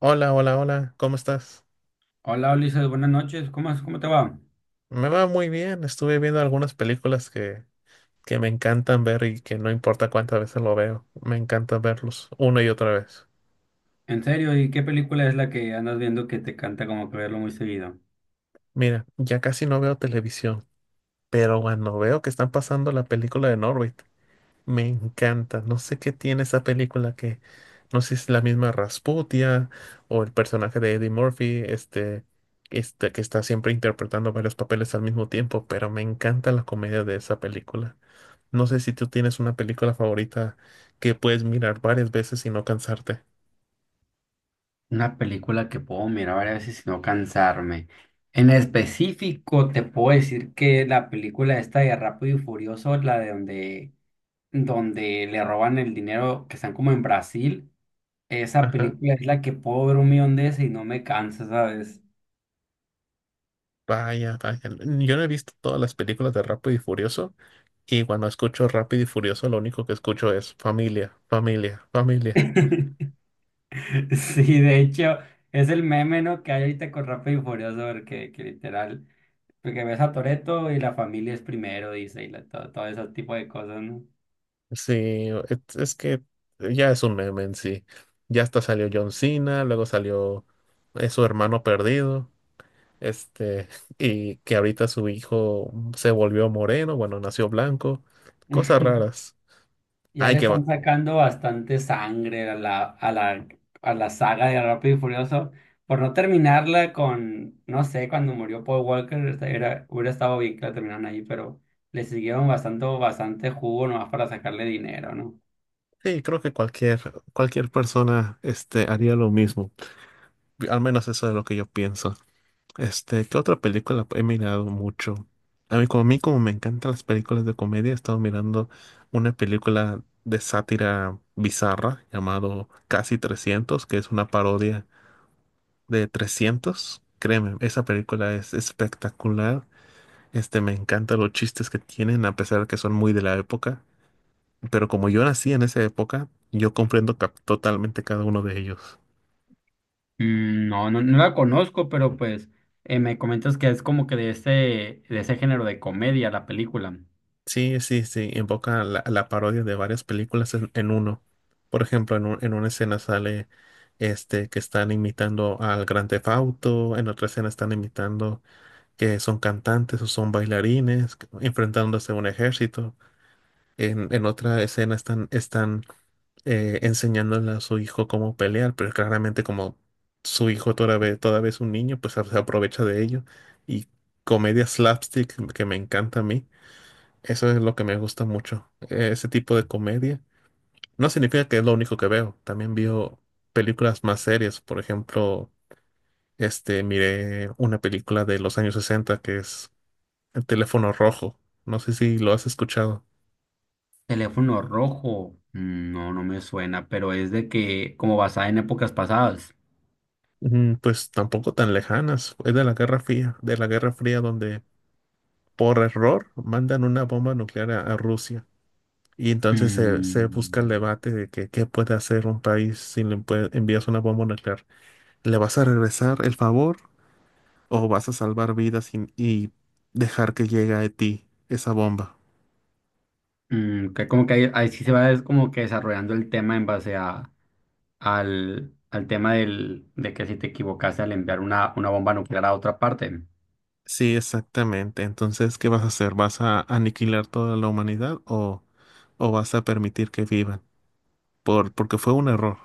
Hola, hola, hola, ¿cómo estás? Hola Ulises, buenas noches. ¿Cómo te va? Me va muy bien, estuve viendo algunas películas que me encantan ver y que no importa cuántas veces lo veo, me encanta verlos una y otra vez. En serio, ¿y qué película es la que andas viendo que te canta como que verlo muy seguido? Mira, ya casi no veo televisión, pero cuando veo que están pasando la película de Norbit, me encanta. No sé qué tiene esa película. No sé si es la misma Rasputia o el personaje de Eddie Murphy, este que está siempre interpretando varios papeles al mismo tiempo, pero me encanta la comedia de esa película. No sé si tú tienes una película favorita que puedes mirar varias veces y no cansarte. Una película que puedo mirar varias veces sin no cansarme. En específico, te puedo decir que la película esta de Rápido y Furioso, donde le roban el dinero que están como en Brasil, esa Ajá. película es la que puedo ver un millón de veces y no me cansa, ¿sabes? Vaya, vaya. Yo no he visto todas las películas de Rápido y Furioso y cuando escucho Rápido y Furioso lo único que escucho es familia, familia, familia. Sí, de hecho, es el meme, ¿no?, que hay ahorita con Rápido y Furioso, porque que literal, porque ves a Toretto y la familia es primero, dice, todo, todo ese tipo de cosas, ¿no? Sí, es que ya es un meme en sí. Ya hasta salió John Cena, luego salió su hermano perdido, este, y que ahorita su hijo se volvió moreno, bueno, nació blanco, cosas raras. Ya Ay, le que va. están sacando bastante sangre a la saga de Rápido y Furioso, por no terminarla con, no sé, cuando murió Paul Walker, hubiera estado bien que la terminaran ahí, pero le siguieron bastante, bastante jugo nomás para sacarle dinero, ¿no? Sí, creo que cualquier persona este, haría lo mismo. Al menos eso es lo que yo pienso. Este, ¿qué otra película he mirado mucho? A mí como me encantan las películas de comedia, he estado mirando una película de sátira bizarra llamado Casi Trescientos, que es una parodia de 300. Créeme, esa película es espectacular. Este, me encantan los chistes que tienen, a pesar de que son muy de la época. Pero como yo nací en esa época, yo comprendo totalmente cada uno de ellos. Mm, no, no, no la conozco, pero pues me comentas que es como que de ese género de comedia la película. Sí, sí, sí, invoca la parodia de varias películas en uno. Por ejemplo, en una escena sale este que están imitando al Gran Theft Auto, en otra escena están imitando que son cantantes o son bailarines, enfrentándose a un ejército. En otra escena están enseñándole a su hijo cómo pelear, pero claramente como su hijo todavía es un niño, pues se aprovecha de ello. Y comedia slapstick que me encanta a mí, eso es lo que me gusta mucho, ese tipo de comedia. No significa que es lo único que veo, también veo películas más serias, por ejemplo, este, miré una película de los años 60 que es El teléfono rojo, no sé si lo has escuchado. Teléfono rojo, mm, no, no me suena, pero es de que como basada en épocas pasadas. Mm, pues tampoco tan lejanas, es de la Guerra Fría, de la Guerra Fría donde por error mandan una bomba nuclear a Rusia. Y entonces se busca el Mm, debate de que qué puede hacer un país si envías una bomba nuclear. ¿Le vas a regresar el favor o vas a salvar vidas y dejar que llegue a ti esa bomba? mm, que como que ahí, ahí sí se va es como que desarrollando el tema en base al tema del, de que si te equivocaste al enviar una bomba nuclear a otra parte. Sí, exactamente. Entonces, ¿qué vas a hacer? ¿Vas a aniquilar toda la humanidad o vas a permitir que vivan? Porque fue un error.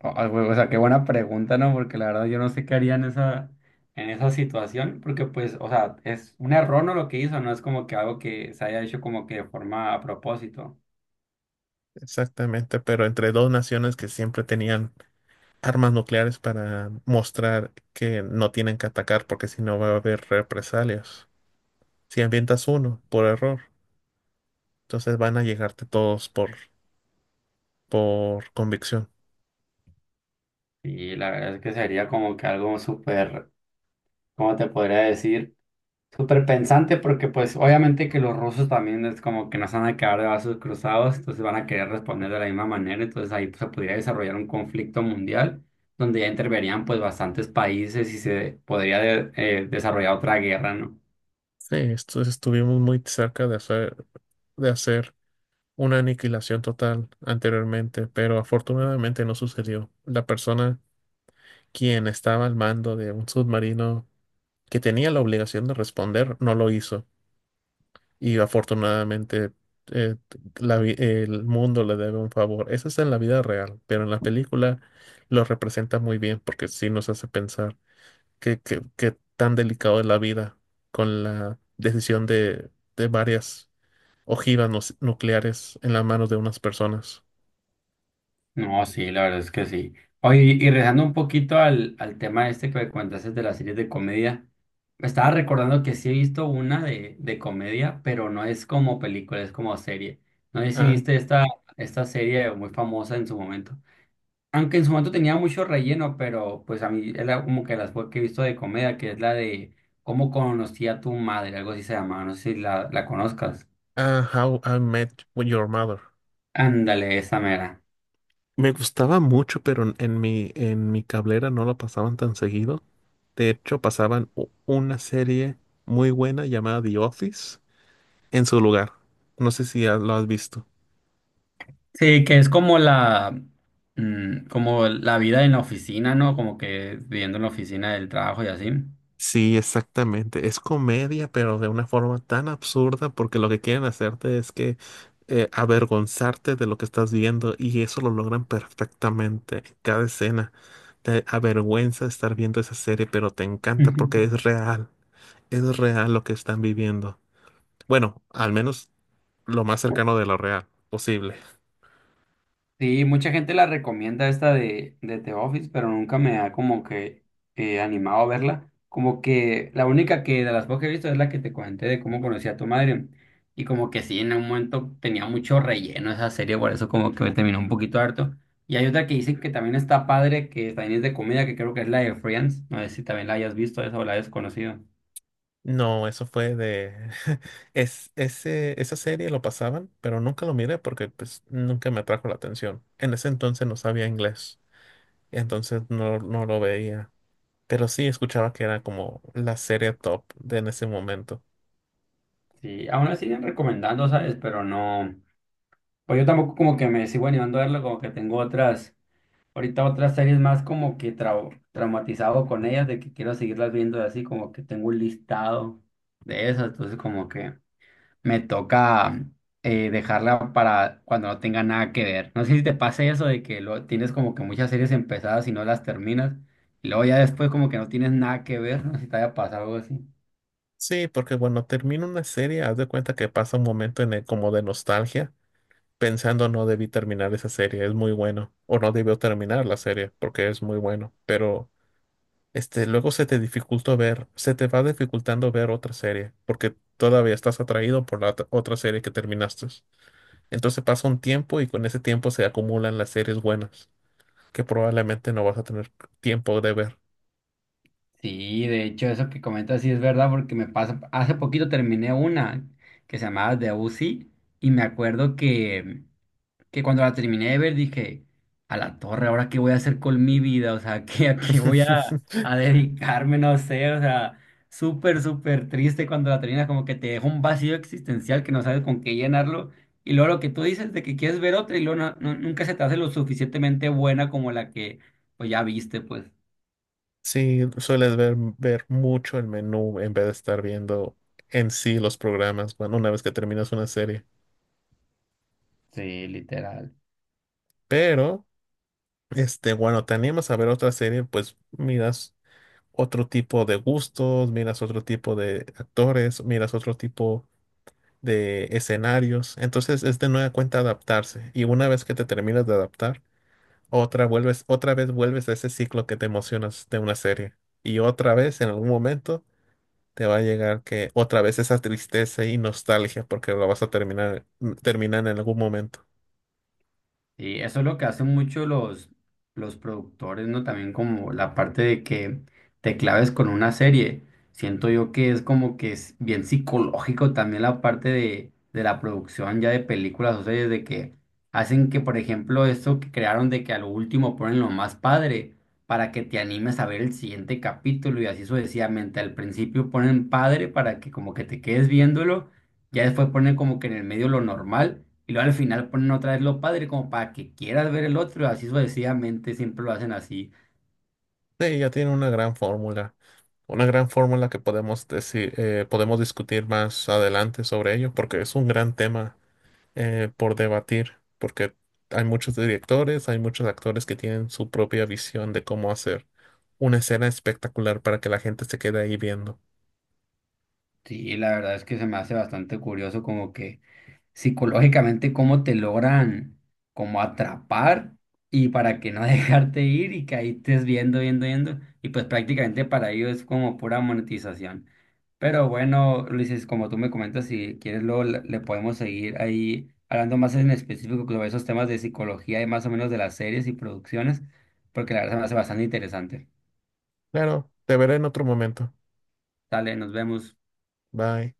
Ah, güey, o sea, qué buena pregunta, ¿no? Porque la verdad yo no sé qué haría en esa situación, porque pues, o sea, es un error, ¿no? Lo que hizo, no es como que algo que se haya hecho como que de forma a propósito. Exactamente, pero entre dos naciones que siempre tenían armas nucleares para mostrar que no tienen que atacar porque si no va a haber represalias. Si ambientas uno por error, entonces van a llegarte todos por convicción. Y la verdad es que sería como que algo súper, ¿cómo te podría decir? Súper pensante porque pues obviamente que los rusos también es como que no se van a quedar de brazos cruzados, entonces van a querer responder de la misma manera, entonces ahí pues, se podría desarrollar un conflicto mundial donde ya interverían pues bastantes países y se podría desarrollar otra guerra, ¿no? Sí, estuvimos muy cerca de hacer una aniquilación total anteriormente, pero afortunadamente no sucedió. La persona quien estaba al mando de un submarino que tenía la obligación de responder no lo hizo. Y afortunadamente eh, el mundo le debe un favor. Eso es en la vida real, pero en la película lo representa muy bien porque sí nos hace pensar qué tan delicado es la vida con la decisión de varias ojivas nu- nucleares en las manos de unas personas. No, sí, la verdad es que sí. Oye, y regresando un poquito al tema este que me comentaste de las series de comedia, me estaba recordando que sí he visto una de comedia, pero no es como película, es como serie. No sé si Ah, viste esta serie muy famosa en su momento. Aunque en su momento tenía mucho relleno, pero pues a mí es como que las fue que he visto de comedia, que es la de ¿Cómo conocí a tu madre? Algo así se llamaba, no sé si la conozcas. ah, How I Met Your Mother. Ándale, esa mera. Me gustaba mucho, pero en mi cablera no lo pasaban tan seguido. De hecho, pasaban una serie muy buena llamada The Office en su lugar. No sé si ya lo has visto. Sí, que es como como la vida en la oficina, ¿no? Como que viviendo en la oficina del trabajo y así. Sí, exactamente. Es comedia, pero de una forma tan absurda porque lo que quieren hacerte es que avergonzarte de lo que estás viendo y eso lo logran perfectamente. Cada escena te avergüenza estar viendo esa serie, pero te encanta porque es real. Es real lo que están viviendo. Bueno, al menos lo más cercano de lo real posible. Sí, mucha gente la recomienda esta de The Office, pero nunca me ha como que animado a verla. Como que la única que de las pocas que he visto es la que te comenté de cómo conocí a tu madre. Y como que sí, en un momento tenía mucho relleno esa serie, por eso como que me terminó un poquito harto. Y hay otra que dicen que también está padre, que también es de comida, que creo que es la de Friends. No sé si también la hayas visto esa o la hayas conocido. No, eso fue de... esa serie lo pasaban, pero nunca lo miré porque pues, nunca me atrajo la atención. En ese entonces no sabía inglés, entonces no lo veía. Pero sí escuchaba que era como la serie top de en ese momento. Sí, aún la siguen recomendando, ¿sabes? Pero no. Pues yo tampoco como que me sigo animando a verlo, como que tengo otras. Ahorita otras series más como que traumatizado con ellas, de que quiero seguirlas viendo así, como que tengo un listado de esas, entonces como que me toca dejarla para cuando no tenga nada que ver. No sé si te pase eso de que lo, tienes como que muchas series empezadas y no las terminas, y luego ya después como que no tienes nada que ver, no sé si te haya pasado algo así. Sí, porque cuando termina una serie, haz de cuenta que pasa un momento en el como de nostalgia, pensando no debí terminar esa serie, es muy bueno, o no debió terminar la serie porque es muy bueno, pero este, luego se te dificultó ver, se te va dificultando ver otra serie, porque todavía estás atraído por la otra serie que terminaste. Entonces pasa un tiempo y con ese tiempo se acumulan las series buenas, que probablemente no vas a tener tiempo de ver. Sí, de hecho eso que comentas sí es verdad porque me pasa, hace poquito terminé una que se llamaba The UC y me acuerdo que... cuando la terminé de ver dije, a la torre, ¿ahora qué voy a hacer con mi vida? O sea, ¿qué, a qué voy a dedicarme? No sé, o sea, súper, súper triste cuando la terminas, como que te deja un vacío existencial que no sabes con qué llenarlo. Y luego lo que tú dices de que quieres ver otra y luego nunca se te hace lo suficientemente buena como la que pues ya viste, pues. Sí, sueles ver mucho el menú en vez de estar viendo en sí los programas, bueno, una vez que terminas una serie. Sí, literal. Pero, este, bueno, te animas a ver otra serie, pues miras otro tipo de gustos, miras otro tipo de actores, miras otro tipo de escenarios. Entonces es de nueva cuenta adaptarse. Y una vez que te terminas de adaptar, otra vez vuelves a ese ciclo que te emocionas de una serie. Y otra vez, en algún momento, te va a llegar que otra vez esa tristeza y nostalgia, porque lo vas a terminar, terminar en algún momento. Sí, eso es lo que hacen mucho los productores, ¿no? También como la parte de que te claves con una serie. Siento yo que es como que es bien psicológico también la parte de la producción ya de películas o series, de que hacen que, por ejemplo, esto que crearon de que a lo último ponen lo más padre para que te animes a ver el siguiente capítulo y así sucesivamente. Al principio ponen padre para que como que te quedes viéndolo, ya después ponen como que en el medio lo normal. Y luego al final ponen otra vez lo padre como para que quieras ver el otro, así sucesivamente siempre lo hacen así. Sí, ya tiene una gran fórmula. Una gran fórmula que podemos decir, podemos discutir más adelante sobre ello, porque es un gran tema por debatir, porque hay muchos directores, hay muchos actores que tienen su propia visión de cómo hacer una escena espectacular para que la gente se quede ahí viendo. Sí, la verdad es que se me hace bastante curioso como que psicológicamente cómo te logran como atrapar y para que no dejarte ir y que ahí estés viendo, viendo, viendo. Y pues prácticamente para ello es como pura monetización. Pero bueno, Luis, como tú me comentas, si quieres luego le podemos seguir ahí hablando más en específico sobre esos temas de psicología y más o menos de las series y producciones, porque la verdad se me hace bastante interesante. Claro, te veré en otro momento. Dale, nos vemos. Bye.